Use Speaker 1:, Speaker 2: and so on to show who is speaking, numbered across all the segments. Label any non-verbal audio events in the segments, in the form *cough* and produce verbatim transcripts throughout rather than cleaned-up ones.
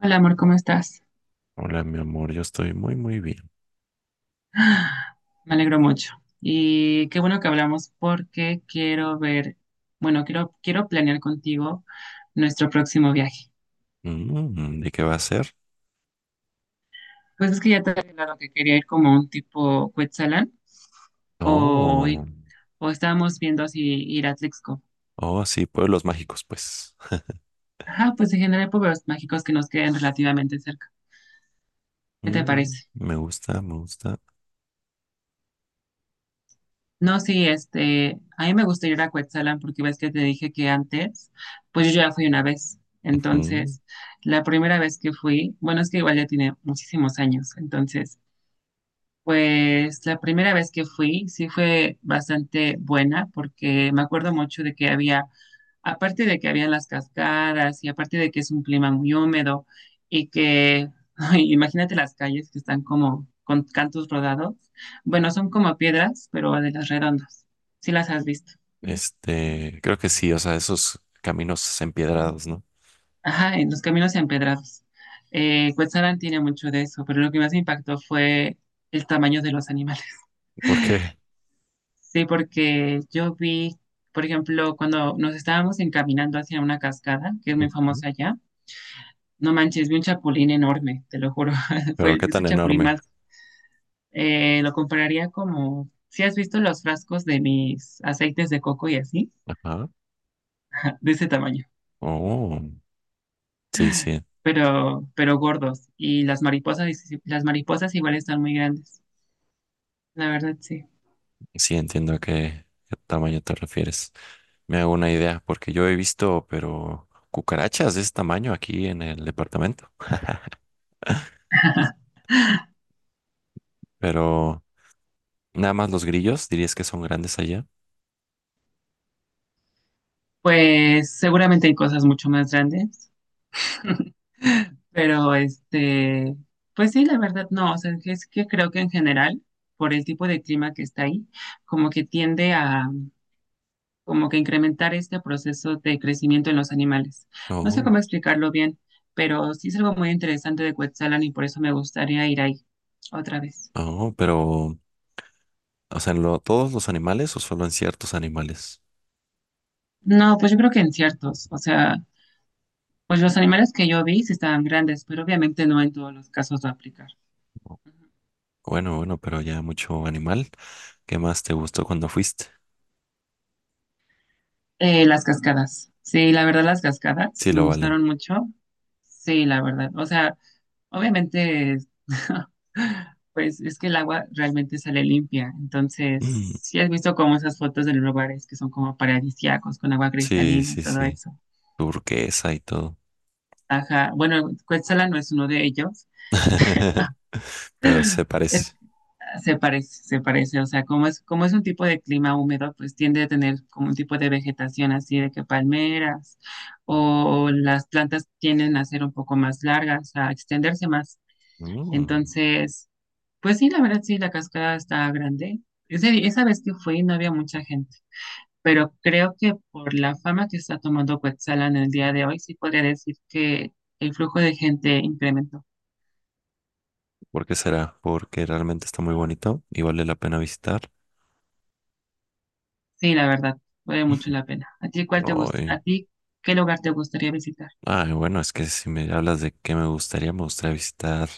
Speaker 1: Hola amor, ¿cómo estás?
Speaker 2: Hola, mi amor, yo estoy muy, muy bien.
Speaker 1: Me alegro mucho. Y qué bueno que hablamos porque quiero ver, bueno, quiero, quiero planear contigo nuestro próximo viaje.
Speaker 2: Mm, ¿y qué va a ser?
Speaker 1: Pues es que ya te había hablado que quería ir como un tipo Cuetzalan o, i-
Speaker 2: Oh,
Speaker 1: o estábamos viendo si ir a Trixco.
Speaker 2: oh, sí, pueblos mágicos, pues.
Speaker 1: Ajá, pues en general pueblos mágicos que nos queden relativamente cerca. ¿Qué te
Speaker 2: Mm,
Speaker 1: parece?
Speaker 2: me gusta, me gusta.
Speaker 1: No, sí, este, a mí me gusta ir a Cuetzalan porque ves que te dije que antes, pues yo ya fui una vez.
Speaker 2: Ujú. Mm.
Speaker 1: Entonces, la primera vez que fui, bueno, es que igual ya tiene muchísimos años, entonces pues la primera vez que fui, sí fue bastante buena porque me acuerdo mucho de que había, aparte de que habían las cascadas y aparte de que es un clima muy húmedo y que, *laughs* ay, imagínate las calles que están como con cantos rodados. Bueno, son como piedras, pero de las redondas. Sí las has visto.
Speaker 2: Este, creo que sí, o sea, esos caminos empiedrados, ¿no?
Speaker 1: Ajá, en los caminos empedrados. Eh, Cuetzalan tiene mucho de eso, pero lo que más me impactó fue el tamaño de los animales.
Speaker 2: ¿Por qué?
Speaker 1: Sí, porque yo vi, por ejemplo, cuando nos estábamos encaminando hacia una cascada, que es muy
Speaker 2: Ujú.
Speaker 1: famosa allá, no manches, vi un chapulín enorme, te lo juro. *laughs*
Speaker 2: Pero
Speaker 1: Fue
Speaker 2: qué
Speaker 1: ese
Speaker 2: tan
Speaker 1: chapulín
Speaker 2: enorme.
Speaker 1: más, eh, lo compararía como, si has visto los frascos de mis aceites de coco y así,
Speaker 2: Ajá.
Speaker 1: ah, de ese tamaño,
Speaker 2: Oh, sí, sí,
Speaker 1: pero, pero gordos. Y las mariposas, y- si, las mariposas igual están muy grandes, la verdad, sí.
Speaker 2: sí, entiendo a qué, qué tamaño te refieres. Me hago una idea, porque yo he visto, pero cucarachas de ese tamaño aquí en el departamento. *laughs* Pero. Nada más los grillos, dirías que son grandes allá.
Speaker 1: Pues seguramente hay cosas mucho más grandes. *laughs* Pero este, pues sí, la verdad, no, o sea, que es que creo que en general, por el tipo de clima que está ahí, como que tiende a, como que incrementar este proceso de crecimiento en los animales. No sé
Speaker 2: Oh,
Speaker 1: cómo explicarlo bien, pero sí es algo muy interesante de Cuetzalan y por eso me gustaría ir ahí otra vez.
Speaker 2: oh, pero, o sea, ¿en lo- todos los animales o solo en ciertos animales?
Speaker 1: No, pues yo creo que en ciertos, o sea, pues los animales que yo vi sí estaban grandes, pero obviamente no en todos los casos va a aplicar.
Speaker 2: Bueno, bueno, pero ya mucho animal. ¿Qué más te gustó cuando fuiste?
Speaker 1: Eh, las cascadas. Sí, la verdad, las cascadas
Speaker 2: Sí,
Speaker 1: me
Speaker 2: lo valen.
Speaker 1: gustaron mucho. Sí, la verdad. O sea, obviamente, *laughs* pues es que el agua realmente sale limpia. Entonces,
Speaker 2: Mm,
Speaker 1: si has visto como esas fotos de los lugares que son como paradisíacos con agua
Speaker 2: sí,
Speaker 1: cristalina y
Speaker 2: sí,
Speaker 1: todo
Speaker 2: sí.
Speaker 1: eso.
Speaker 2: Turquesa y todo.
Speaker 1: Ajá. Bueno, Cuetzala no es uno de ellos.
Speaker 2: *laughs*
Speaker 1: *laughs*
Speaker 2: Pero se
Speaker 1: Es
Speaker 2: parece.
Speaker 1: se parece, se parece, o sea, como es, como es un tipo de clima húmedo, pues tiende a tener como un tipo de vegetación así de que palmeras o las plantas tienden a ser un poco más largas, a extenderse más.
Speaker 2: Mm,
Speaker 1: Entonces, pues sí, la verdad sí, la cascada está grande. Ese- esa vez que fui no había mucha gente, pero creo que por la fama que está tomando Cuetzalan en el día de hoy, sí podría decir que el flujo de gente incrementó.
Speaker 2: ¿por qué será? Porque realmente está muy bonito y vale la pena visitar.
Speaker 1: Sí, la verdad, vale mucho
Speaker 2: *laughs*
Speaker 1: la pena. ¿A ti cuál te gusta?
Speaker 2: Ay,
Speaker 1: ¿A ti qué lugar te gustaría visitar?
Speaker 2: Ay, bueno, es que si me hablas de qué me gustaría, me gustaría visitar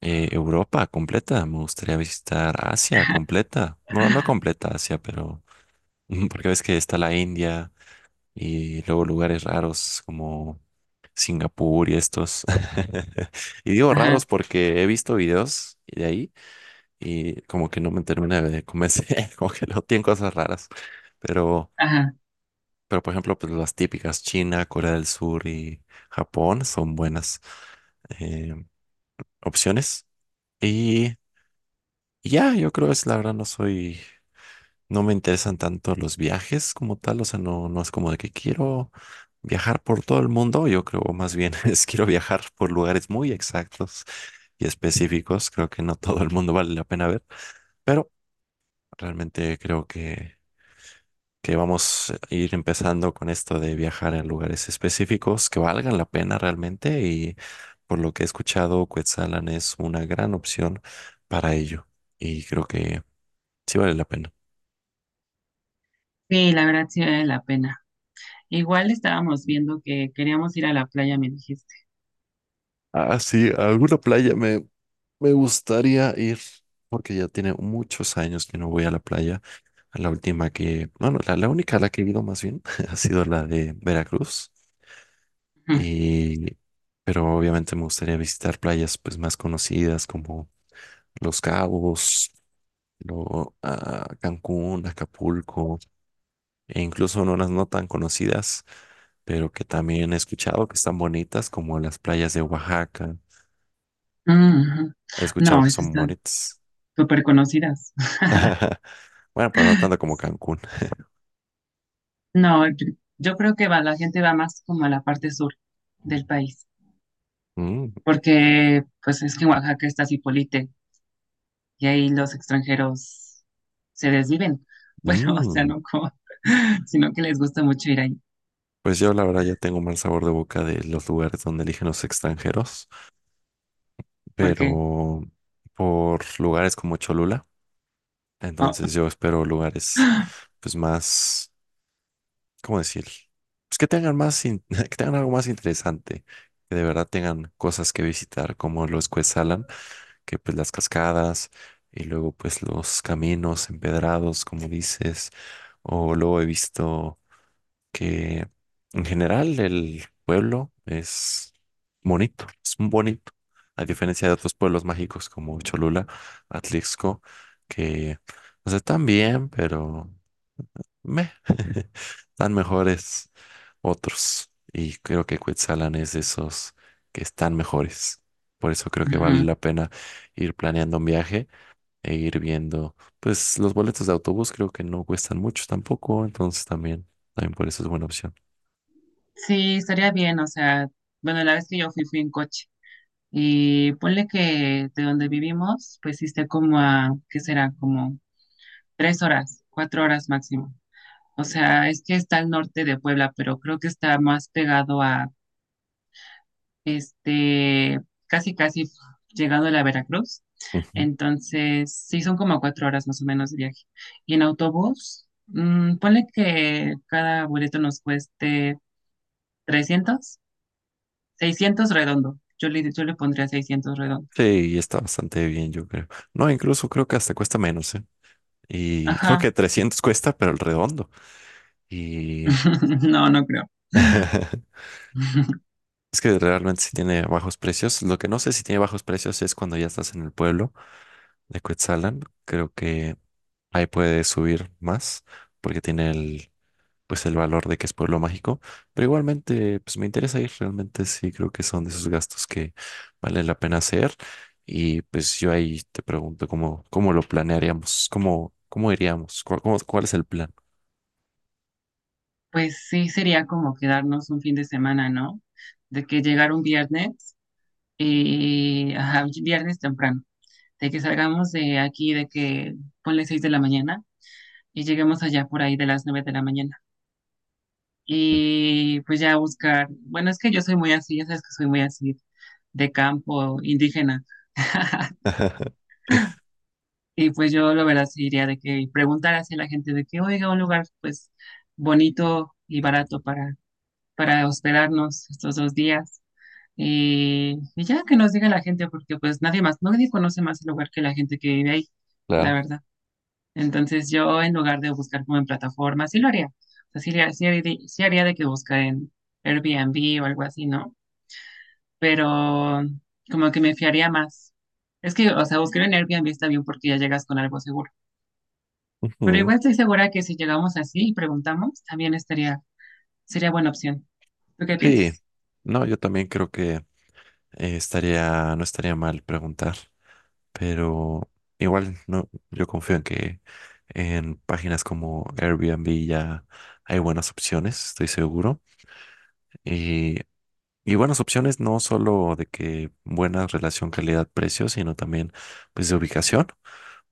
Speaker 2: eh, Europa completa, me gustaría visitar Asia completa. Bueno, no
Speaker 1: *laughs*
Speaker 2: completa Asia, pero *laughs* porque ves que está la India y luego lugares raros como Singapur y estos. *laughs* Y digo raros
Speaker 1: Ajá,
Speaker 2: porque he visto videos de ahí y como que no me termina de convencer, *laughs* como que no tienen cosas raras. Pero
Speaker 1: ajá.
Speaker 2: pero por ejemplo, pues las típicas China, Corea del Sur y Japón son buenas eh, opciones. Y y ya, yo creo es la verdad, no soy, no me interesan tanto los viajes como tal, o sea, no, no es como de que quiero viajar por todo el mundo, yo creo más bien *laughs* es quiero viajar por lugares muy exactos y específicos, creo que no todo el mundo vale la pena ver, pero realmente creo que que vamos a ir empezando con esto de viajar a lugares específicos que valgan la pena realmente y por lo que he escuchado, Cuetzalan es una gran opción para ello y creo que sí vale la pena.
Speaker 1: Sí, la verdad sí vale la pena. Igual estábamos viendo que queríamos ir a la playa, me dijiste.
Speaker 2: Ah, sí, a alguna playa me, me gustaría ir porque ya tiene muchos años que no voy a la playa. La última que, bueno, la, la única a la que he ido más bien *laughs* ha sido la de Veracruz y... Pero obviamente me gustaría visitar playas pues más conocidas como Los Cabos, lo- a Cancún, Acapulco, e incluso unas no tan conocidas, pero que también he escuchado que están bonitas, como las playas de Oaxaca.
Speaker 1: Ujú, ujú.
Speaker 2: He escuchado
Speaker 1: No,
Speaker 2: que
Speaker 1: esas
Speaker 2: son
Speaker 1: están
Speaker 2: bonitas.
Speaker 1: súper conocidas. *laughs*
Speaker 2: *laughs* Bueno, pero no tanto como Cancún.
Speaker 1: No, yo, yo creo que va, la gente va más como a la parte sur del país,
Speaker 2: Mm,
Speaker 1: porque pues es que en Oaxaca está Zipolite y ahí los extranjeros se desviven. Bueno, *laughs* o sea,
Speaker 2: mm.
Speaker 1: no como, *laughs* sino que les gusta mucho ir ahí.
Speaker 2: Pues yo la verdad ya tengo un mal sabor de boca de los lugares donde eligen los extranjeros,
Speaker 1: Porque,
Speaker 2: pero por lugares como Cholula,
Speaker 1: oh,
Speaker 2: entonces yo espero lugares
Speaker 1: *gasps*
Speaker 2: pues más ¿cómo decir? Pues que tengan más, in- *laughs* que tengan algo más interesante, que de verdad tengan cosas que visitar, como los Cuetzalan, que pues las cascadas y luego pues los caminos empedrados, como dices, o luego he visto que en general el pueblo es bonito, es un bonito, a diferencia de otros pueblos mágicos como Cholula, Atlixco, que, o sea, están bien, pero meh, *laughs* están mejores otros. Y creo que Quetzalan es de esos que están mejores. Por eso creo que vale
Speaker 1: ujú.
Speaker 2: la pena ir planeando un viaje e ir viendo. Pues los boletos de autobús creo que no cuestan mucho tampoco, entonces también, también por eso es buena opción.
Speaker 1: Sí, estaría bien, o sea, bueno, la vez que yo fui, fui en coche. Y ponle que de donde vivimos, pues sí está como a, ¿qué será? Como tres horas, cuatro horas máximo. O sea, es que está al norte de Puebla, pero creo que está más pegado a, este, casi, casi llegando a la Veracruz.
Speaker 2: Ujú.
Speaker 1: Entonces, sí, son como cuatro horas más o menos de viaje. Y en autobús, mm, ponle que cada boleto nos cueste trescientos, seiscientos redondo. Yo le, yo le pondría seiscientos redondo.
Speaker 2: Sí, y está bastante bien, yo creo. No, incluso creo que hasta cuesta menos, ¿eh? Y creo
Speaker 1: Ajá.
Speaker 2: que trescientos cuesta, pero el redondo. Y
Speaker 1: *laughs* No, no creo.
Speaker 2: *laughs*
Speaker 1: *laughs*
Speaker 2: Es que realmente sí tiene bajos precios. Lo que no sé si tiene bajos precios es cuando ya estás en el pueblo de Cuetzalan. Creo que ahí puede subir más porque tiene el, pues el valor de que es pueblo mágico. Pero igualmente, pues me interesa ir. Realmente sí creo que son de esos gastos que vale la pena hacer. Y pues yo ahí te pregunto cómo, cómo lo planearíamos, cómo, cómo iríamos, cuál, cómo- cuál es el plan.
Speaker 1: Pues sí, sería como quedarnos un fin de semana, ¿no? De que llegar un viernes, y ajá, un viernes temprano, de que salgamos de aquí, de que ponle seis de la mañana y lleguemos allá por ahí de las nueve de la mañana. Y pues ya buscar, bueno, es que yo soy muy así, ya sabes que soy muy así, de campo indígena. *laughs*
Speaker 2: *laughs*
Speaker 1: Y pues yo la verdad sí diría de que preguntar hacia la gente de que oiga un lugar pues bonito y barato para, para hospedarnos estos dos días. Y, y ya que nos diga la gente, porque pues nadie más, nadie conoce más el lugar que la gente que vive ahí, la
Speaker 2: Claro.
Speaker 1: verdad. Entonces yo en lugar de buscar como en plataformas, sí lo haría. O sea, sí, haría- sí haría de- sí haría de que buscar en Airbnb o algo así, ¿no? Pero como que me fiaría más. Es que, o sea, buscar en Airbnb está bien porque ya llegas con algo seguro. Pero
Speaker 2: Ujú.
Speaker 1: igual estoy segura que si llegamos así y preguntamos, también estaría, sería buena opción. ¿Tú qué
Speaker 2: Sí.
Speaker 1: piensas?
Speaker 2: No, yo también creo que eh, estaría, no estaría mal preguntar, pero igual no, yo confío en que en páginas como Airbnb ya hay buenas opciones, estoy seguro. Y, y buenas opciones no solo de que buena relación calidad-precio, sino también pues de ubicación,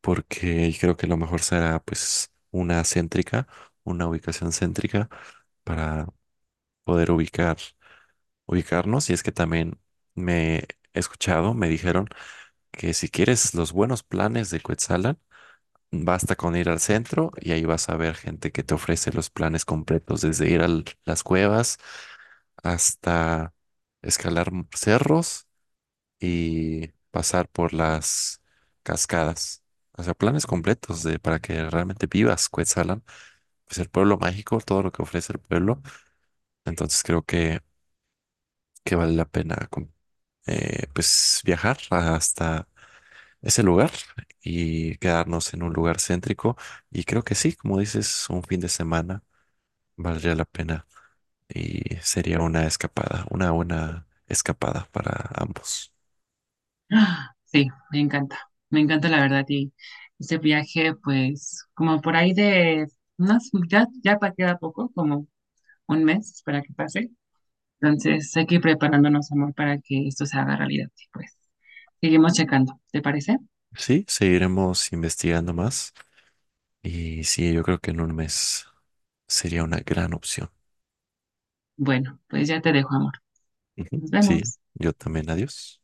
Speaker 2: porque creo que lo mejor será pues una céntrica, una ubicación céntrica para poder ubicar, ubicarnos. Y es que también me he escuchado, me dijeron que si quieres los buenos planes de Cuetzalan, basta con ir al centro y ahí vas a ver gente que te ofrece los planes completos, desde ir a las cuevas hasta escalar cerros y pasar por las cascadas. O sea, planes completos de, para que realmente vivas Cuetzalan. Pues el pueblo mágico, todo lo que ofrece el pueblo. Entonces creo que, que vale la pena com- eh, pues viajar hasta ese lugar y quedarnos en un lugar céntrico. Y creo que sí, como dices, un fin de semana valdría la pena y sería una escapada, una buena escapada para ambos.
Speaker 1: *gasps* Ah, sí, me encanta. Me encanta la verdad. Y ese viaje, pues, como por ahí de unas, ya, ya pa- queda poco, como un mes para que pase. Entonces hay que ir preparándonos, amor, para que esto se haga realidad. Y pues, seguimos checando. ¿Te parece?
Speaker 2: Sí, seguiremos investigando más y sí, yo creo que en un mes sería una gran opción.
Speaker 1: Bueno, pues ya te dejo, amor.
Speaker 2: Ujú.
Speaker 1: Nos
Speaker 2: Sí,
Speaker 1: vemos.
Speaker 2: yo también, adiós.